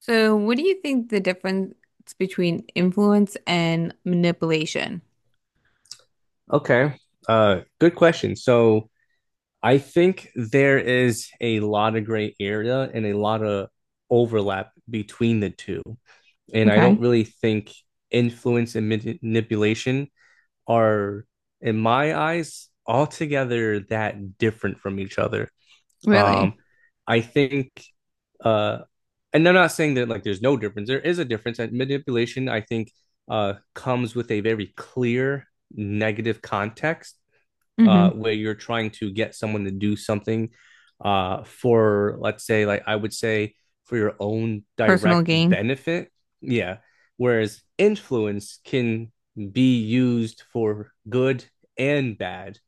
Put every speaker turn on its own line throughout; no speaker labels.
So, what do you think the difference between influence and manipulation?
Okay. Good question. So I think there is a lot of gray area and a lot of overlap between the two. And I
Okay.
don't really think influence and manipulation are, in my eyes, altogether that different from each other.
Really?
Um, I think, uh, and I'm not saying that like there's no difference. There is a difference. And manipulation, I think, comes with a very clear negative context
Mm-hmm.
where you're trying to get someone to do something for, let's say, like I would say, for your own
Personal
direct
gain.
benefit. Yeah. Whereas influence can be used for good and bad.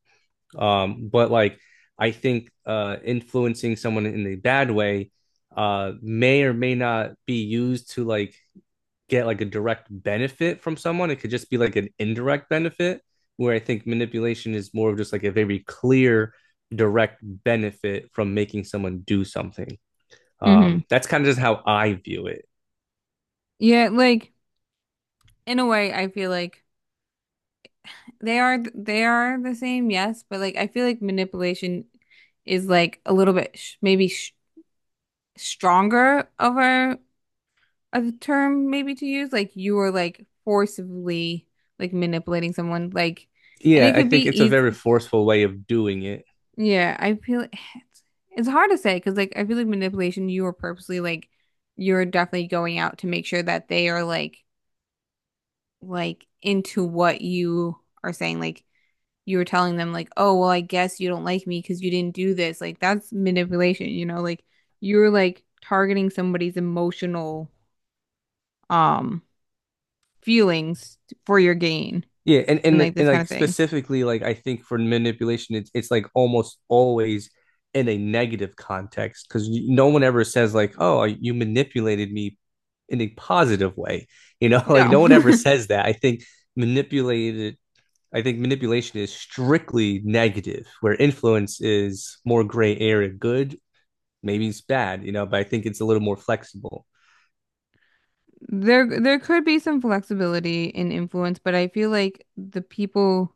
But like, I think influencing someone in a bad way may or may not be used to like get like a direct benefit from someone. It could just be like an indirect benefit, where I think manipulation is more of just like a very clear, direct benefit from making someone do something.
Mm-hmm.
That's kind of just how I view it.
Yeah, like in a way, I feel like they are the same, yes, but like I feel like manipulation is like a little bit sh maybe sh stronger of a term maybe to use. Like you are like forcibly like manipulating someone, like, and
Yeah,
it
I
could be
think it's a very
easy.
forceful way of doing it.
Yeah, I feel it's hard to say because like I feel like manipulation, you are purposely like you're definitely going out to make sure that they are like into what you are saying. Like you were telling them like, oh well, I guess you don't like me because you didn't do this. Like that's manipulation, you know? Like you're like targeting somebody's emotional um feelings for your gain
Yeah, and
and
and
like this
and
kind
like
of thing.
specifically, like I think for manipulation, it's like almost always in a negative context because no one ever says like, "Oh, you manipulated me," in a positive way. You know, like
No.
no one ever says that. I think manipulated. I think manipulation is strictly negative, where influence is more gray area. Good, maybe it's bad. You know, but I think it's a little more flexible.
There could be some flexibility in influence, but I feel like the people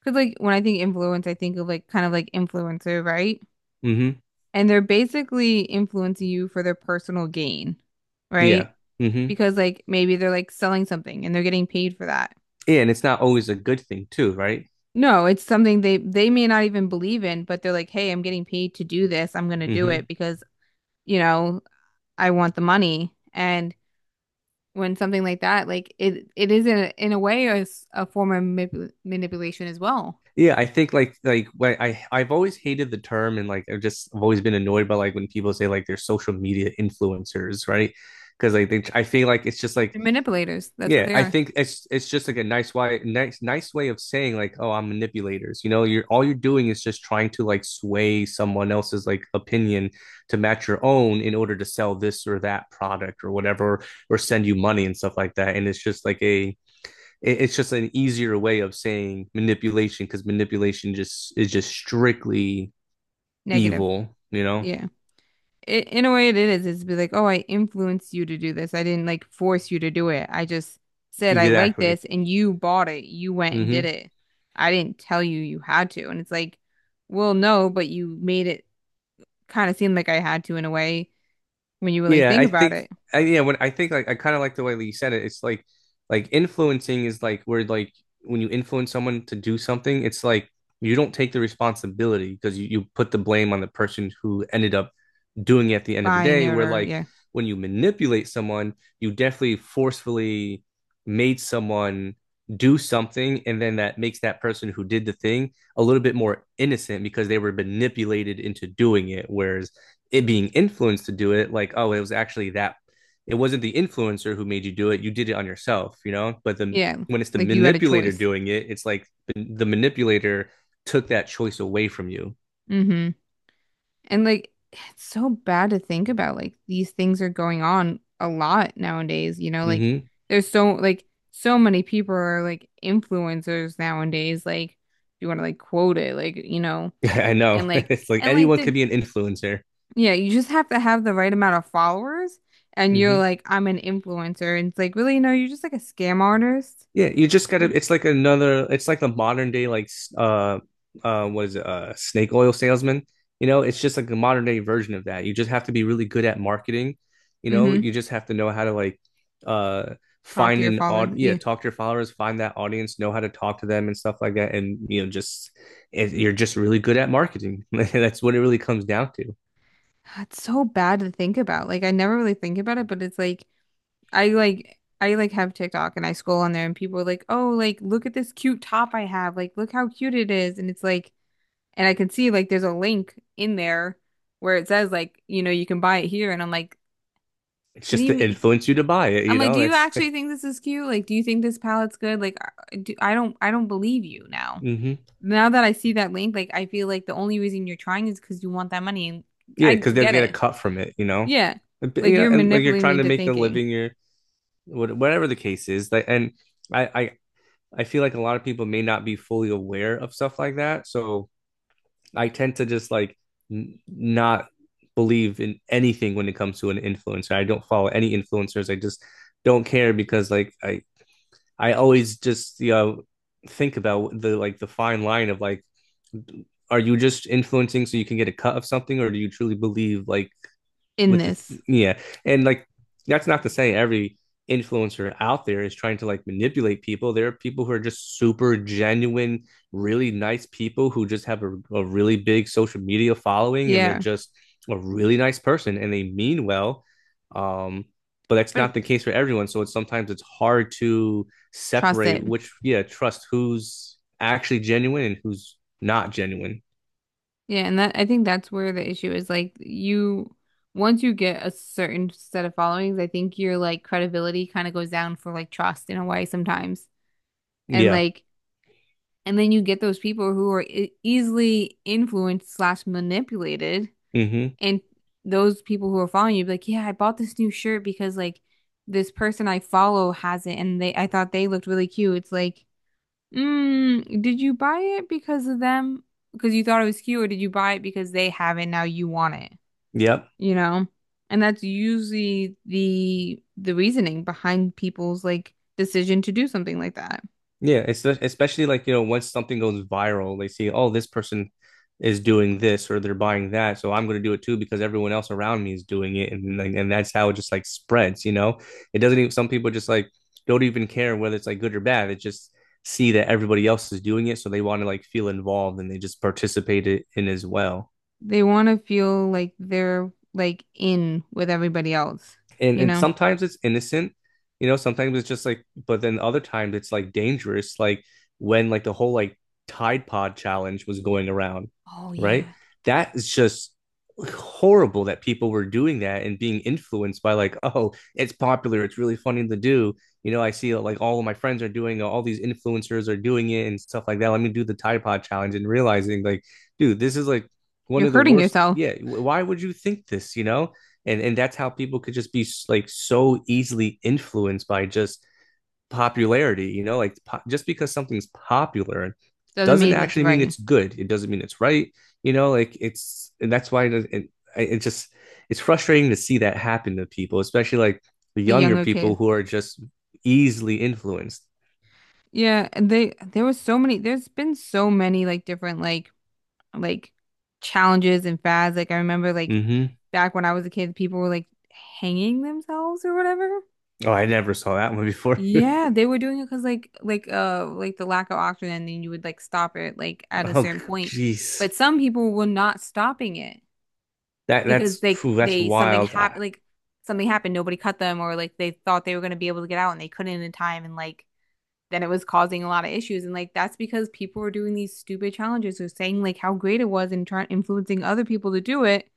because like when I think influence, I think of like kind of like influencer, right?
Hmm.
And they're basically influencing you for their personal gain, right?
Yeah. Hmm.
Because like maybe they're like selling something and they're getting paid for that.
Yeah, and it's not always a good thing too, right?
No, it's something they may not even believe in, but they're like, "Hey, I'm getting paid to do this. I'm gonna do it
Hmm.
because, you know, I want the money." And when something like that, like it is in a way a form of manip manipulation as well.
Yeah, I think like when I've always hated the term and like I've just I've always been annoyed by like when people say like they're social media influencers, right? Because like they, I feel like it's just like
They're manipulators. That's what
yeah,
they
I
are.
think it's just like a nice way nice way of saying like, oh, I'm manipulators, you know, you're all you're doing is just trying to like sway someone else's like opinion to match your own in order to sell this or that product or whatever or send you money and stuff like that, and it's just like a it's just an easier way of saying manipulation because manipulation just is just strictly
Negative.
evil. You know
Yeah. In a way, it is. It's be like, oh, I influenced you to do this. I didn't like force you to do it. I just said I like
exactly.
this, and you bought it. You went and did
Mm-hmm.
it. I didn't tell you you had to. And it's like, well, no, but you made it kind of seem like I had to in a way when you really
Yeah,
think
I
about
think
it,
I yeah, when I think like I kind of like the way that you said it. It's like influencing is like where like when you influence someone to do something, it's like you don't take the responsibility because you put the blame on the person who ended up doing it at the end of the
buying
day.
it
Where
or
like
yeah,
when you manipulate someone, you definitely forcefully made someone do something, and then that makes that person who did the thing a little bit more innocent because they were manipulated into doing it. Whereas it being influenced to do it like, oh, it was actually that it wasn't the influencer who made you do it, you did it on yourself, you know, but the
yeah,
when it's the
like you had a
manipulator
choice.
doing it it's like the manipulator took that choice away from you.
Hmm. And like it's so bad to think about like these things are going on a lot nowadays, you know, like
Mm-hmm.
there's so like so many people are like influencers nowadays, like you want to like quote it, like you know,
I know.
and like
It's like
and like
anyone could
the
be an influencer.
yeah, you just have to have the right amount of followers and you're
Mm-hmm.
like I'm an influencer and it's like really no, you're just like a scam artist.
Yeah, you just gotta. It's like another. It's like the modern day, like uh, was snake oil salesman. You know, it's just like the modern day version of that. You just have to be really good at marketing. You know,
Mm-hmm.
you just have to know how to like, uh,
Talk to
find
your
an
followers.
odd. Yeah,
Yeah.
talk to your followers, find that audience, know how to talk to them and stuff like that. And you know, just it, you're just really good at marketing. That's what it really comes down to.
It's so bad to think about. Like I never really think about it, but it's like I like I have TikTok and I scroll on there and people are like, "Oh, like look at this cute top I have. Like look how cute it is." And it's like and I can see like there's a link in there where it says like, you know, you can buy it here and I'm like,
It's
"What do
just
you
to
mean?"
influence you to buy it.
I'm
You
like,
know,
"Do you
that's.
actually think this is cute? Like do you think this palette's good? Like I don't believe you now."
Hmm.
Now that I see that link, like I feel like the only reason you're trying is because you want that money and
Yeah,
I
because they'll
get
get a
it.
cut from it, you know.
Yeah.
And,
Like
you know,
you're
and like you're
manipulating
trying
me
to
to
make a
thinking
living, you're whatever the case is. Like, and I, I, I feel like a lot of people may not be fully aware of stuff like that. So I tend to just like not believe in anything when it comes to an influencer. I don't follow any influencers. I just don't care because like I always just you know think about the like the fine line of like, are you just influencing so you can get a cut of something, or do you truly believe like
in
with the
this.
yeah, and like that's not to say every influencer out there is trying to like manipulate people. There are people who are just super genuine, really nice people who just have a really big social media following and they're
Yeah.
just a really nice person and they mean well. Um, but that's
But
not the case for everyone. So it's sometimes it's hard to
trust
separate
it.
which, yeah, trust who's actually genuine and who's not genuine.
Yeah, and that I think that's where the issue is. Like you, once you get a certain set of followings, I think your like credibility kind of goes down for like trust in a way sometimes. And
Yeah.
like, and then you get those people who are e easily influenced slash manipulated,
Mm-hmm.
and those people who are following you be like, yeah, I bought this new shirt because like this person I follow has it, and they I thought they looked really cute. It's like. Mm, did you buy it because of them? Because you thought it was cute, or did you buy it because they have it now you want it?
Yep.
You know? And that's usually the reasoning behind people's like decision to do something like that.
Yeah, it's especially like, you know, once something goes viral, they see, oh, this person is doing this or they're buying that, so I'm going to do it too because everyone else around me is doing it, and like, and that's how it just like spreads, you know. It doesn't even some people just like don't even care whether it's like good or bad. It just see that everybody else is doing it, so they want to like feel involved and they just participate it in as well.
They want to feel like they're like in with everybody else,
and
you
and
know?
sometimes it's innocent, you know, sometimes it's just like, but then other times it's like dangerous, like when like the whole like Tide Pod challenge was going around,
Oh
right?
yeah.
That is just horrible that people were doing that and being influenced by like, oh, it's popular, it's really funny to do, you know, I see like all of my friends are doing all these influencers are doing it and stuff like that, let me do the Tide Pod challenge, and realizing like, dude, this is like one
You're
of the
hurting
worst,
yourself.
yeah, why would you think this, you know, and that's how people could just be like so easily influenced by just popularity, you know, like just because something's popular
Doesn't
doesn't
mean it's
actually mean
right.
it's good, it doesn't mean it's right, you know like it's and that's why it just it's frustrating to see that happen to people especially like the
The
younger
younger
people
kids.
who are just easily influenced.
Yeah, and they there was so many there's been so many like different like challenges and fads. Like I remember like
Mm-hmm.
back when I was a kid, people were like hanging themselves or whatever.
Oh, I never saw that one before.
Yeah, they were doing it because like the lack of oxygen, and then you would like stop it like at a
Oh,
certain point.
geez,
But some people were not stopping it
that
because
that's
they
phew, that's
they something
wild. I,
happened like something happened, nobody cut them, or like they thought they were gonna be able to get out and they couldn't in time, and like then it was causing a lot of issues. And like that's because people were doing these stupid challenges or saying like how great it was and trying influencing other people to do it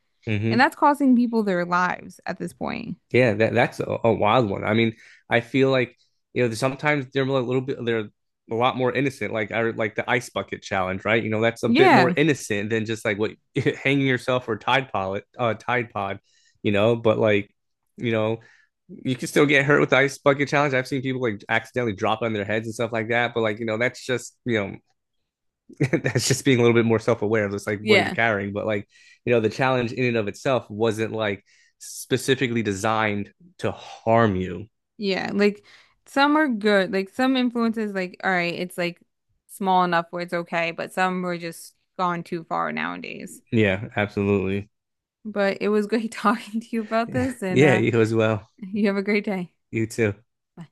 and
mm-hmm.
that's costing people their lives at this point.
Yeah, that's a wild one. I mean, I feel like you know sometimes they're a little bit they're a lot more innocent. Like I like the ice bucket challenge, right? You know, that's a bit more
Yeah.
innocent than just like what hanging yourself or Tide Pod, Tide Pod, you know. But like, you know, you can still get hurt with the ice bucket challenge. I've seen people like accidentally drop on their heads and stuff like that. But like, you know, that's just you know that's just being a little bit more self-aware of just like what you're
Yeah.
carrying but like you know the challenge in and of itself wasn't like specifically designed to harm you.
Yeah. Like some are good. Like some influences, like, all right, it's like small enough where it's okay, but some are just gone too far nowadays.
Yeah, absolutely.
But it was great talking to you about this, and
Yeah, you as well.
you have a great day.
You too.
Bye.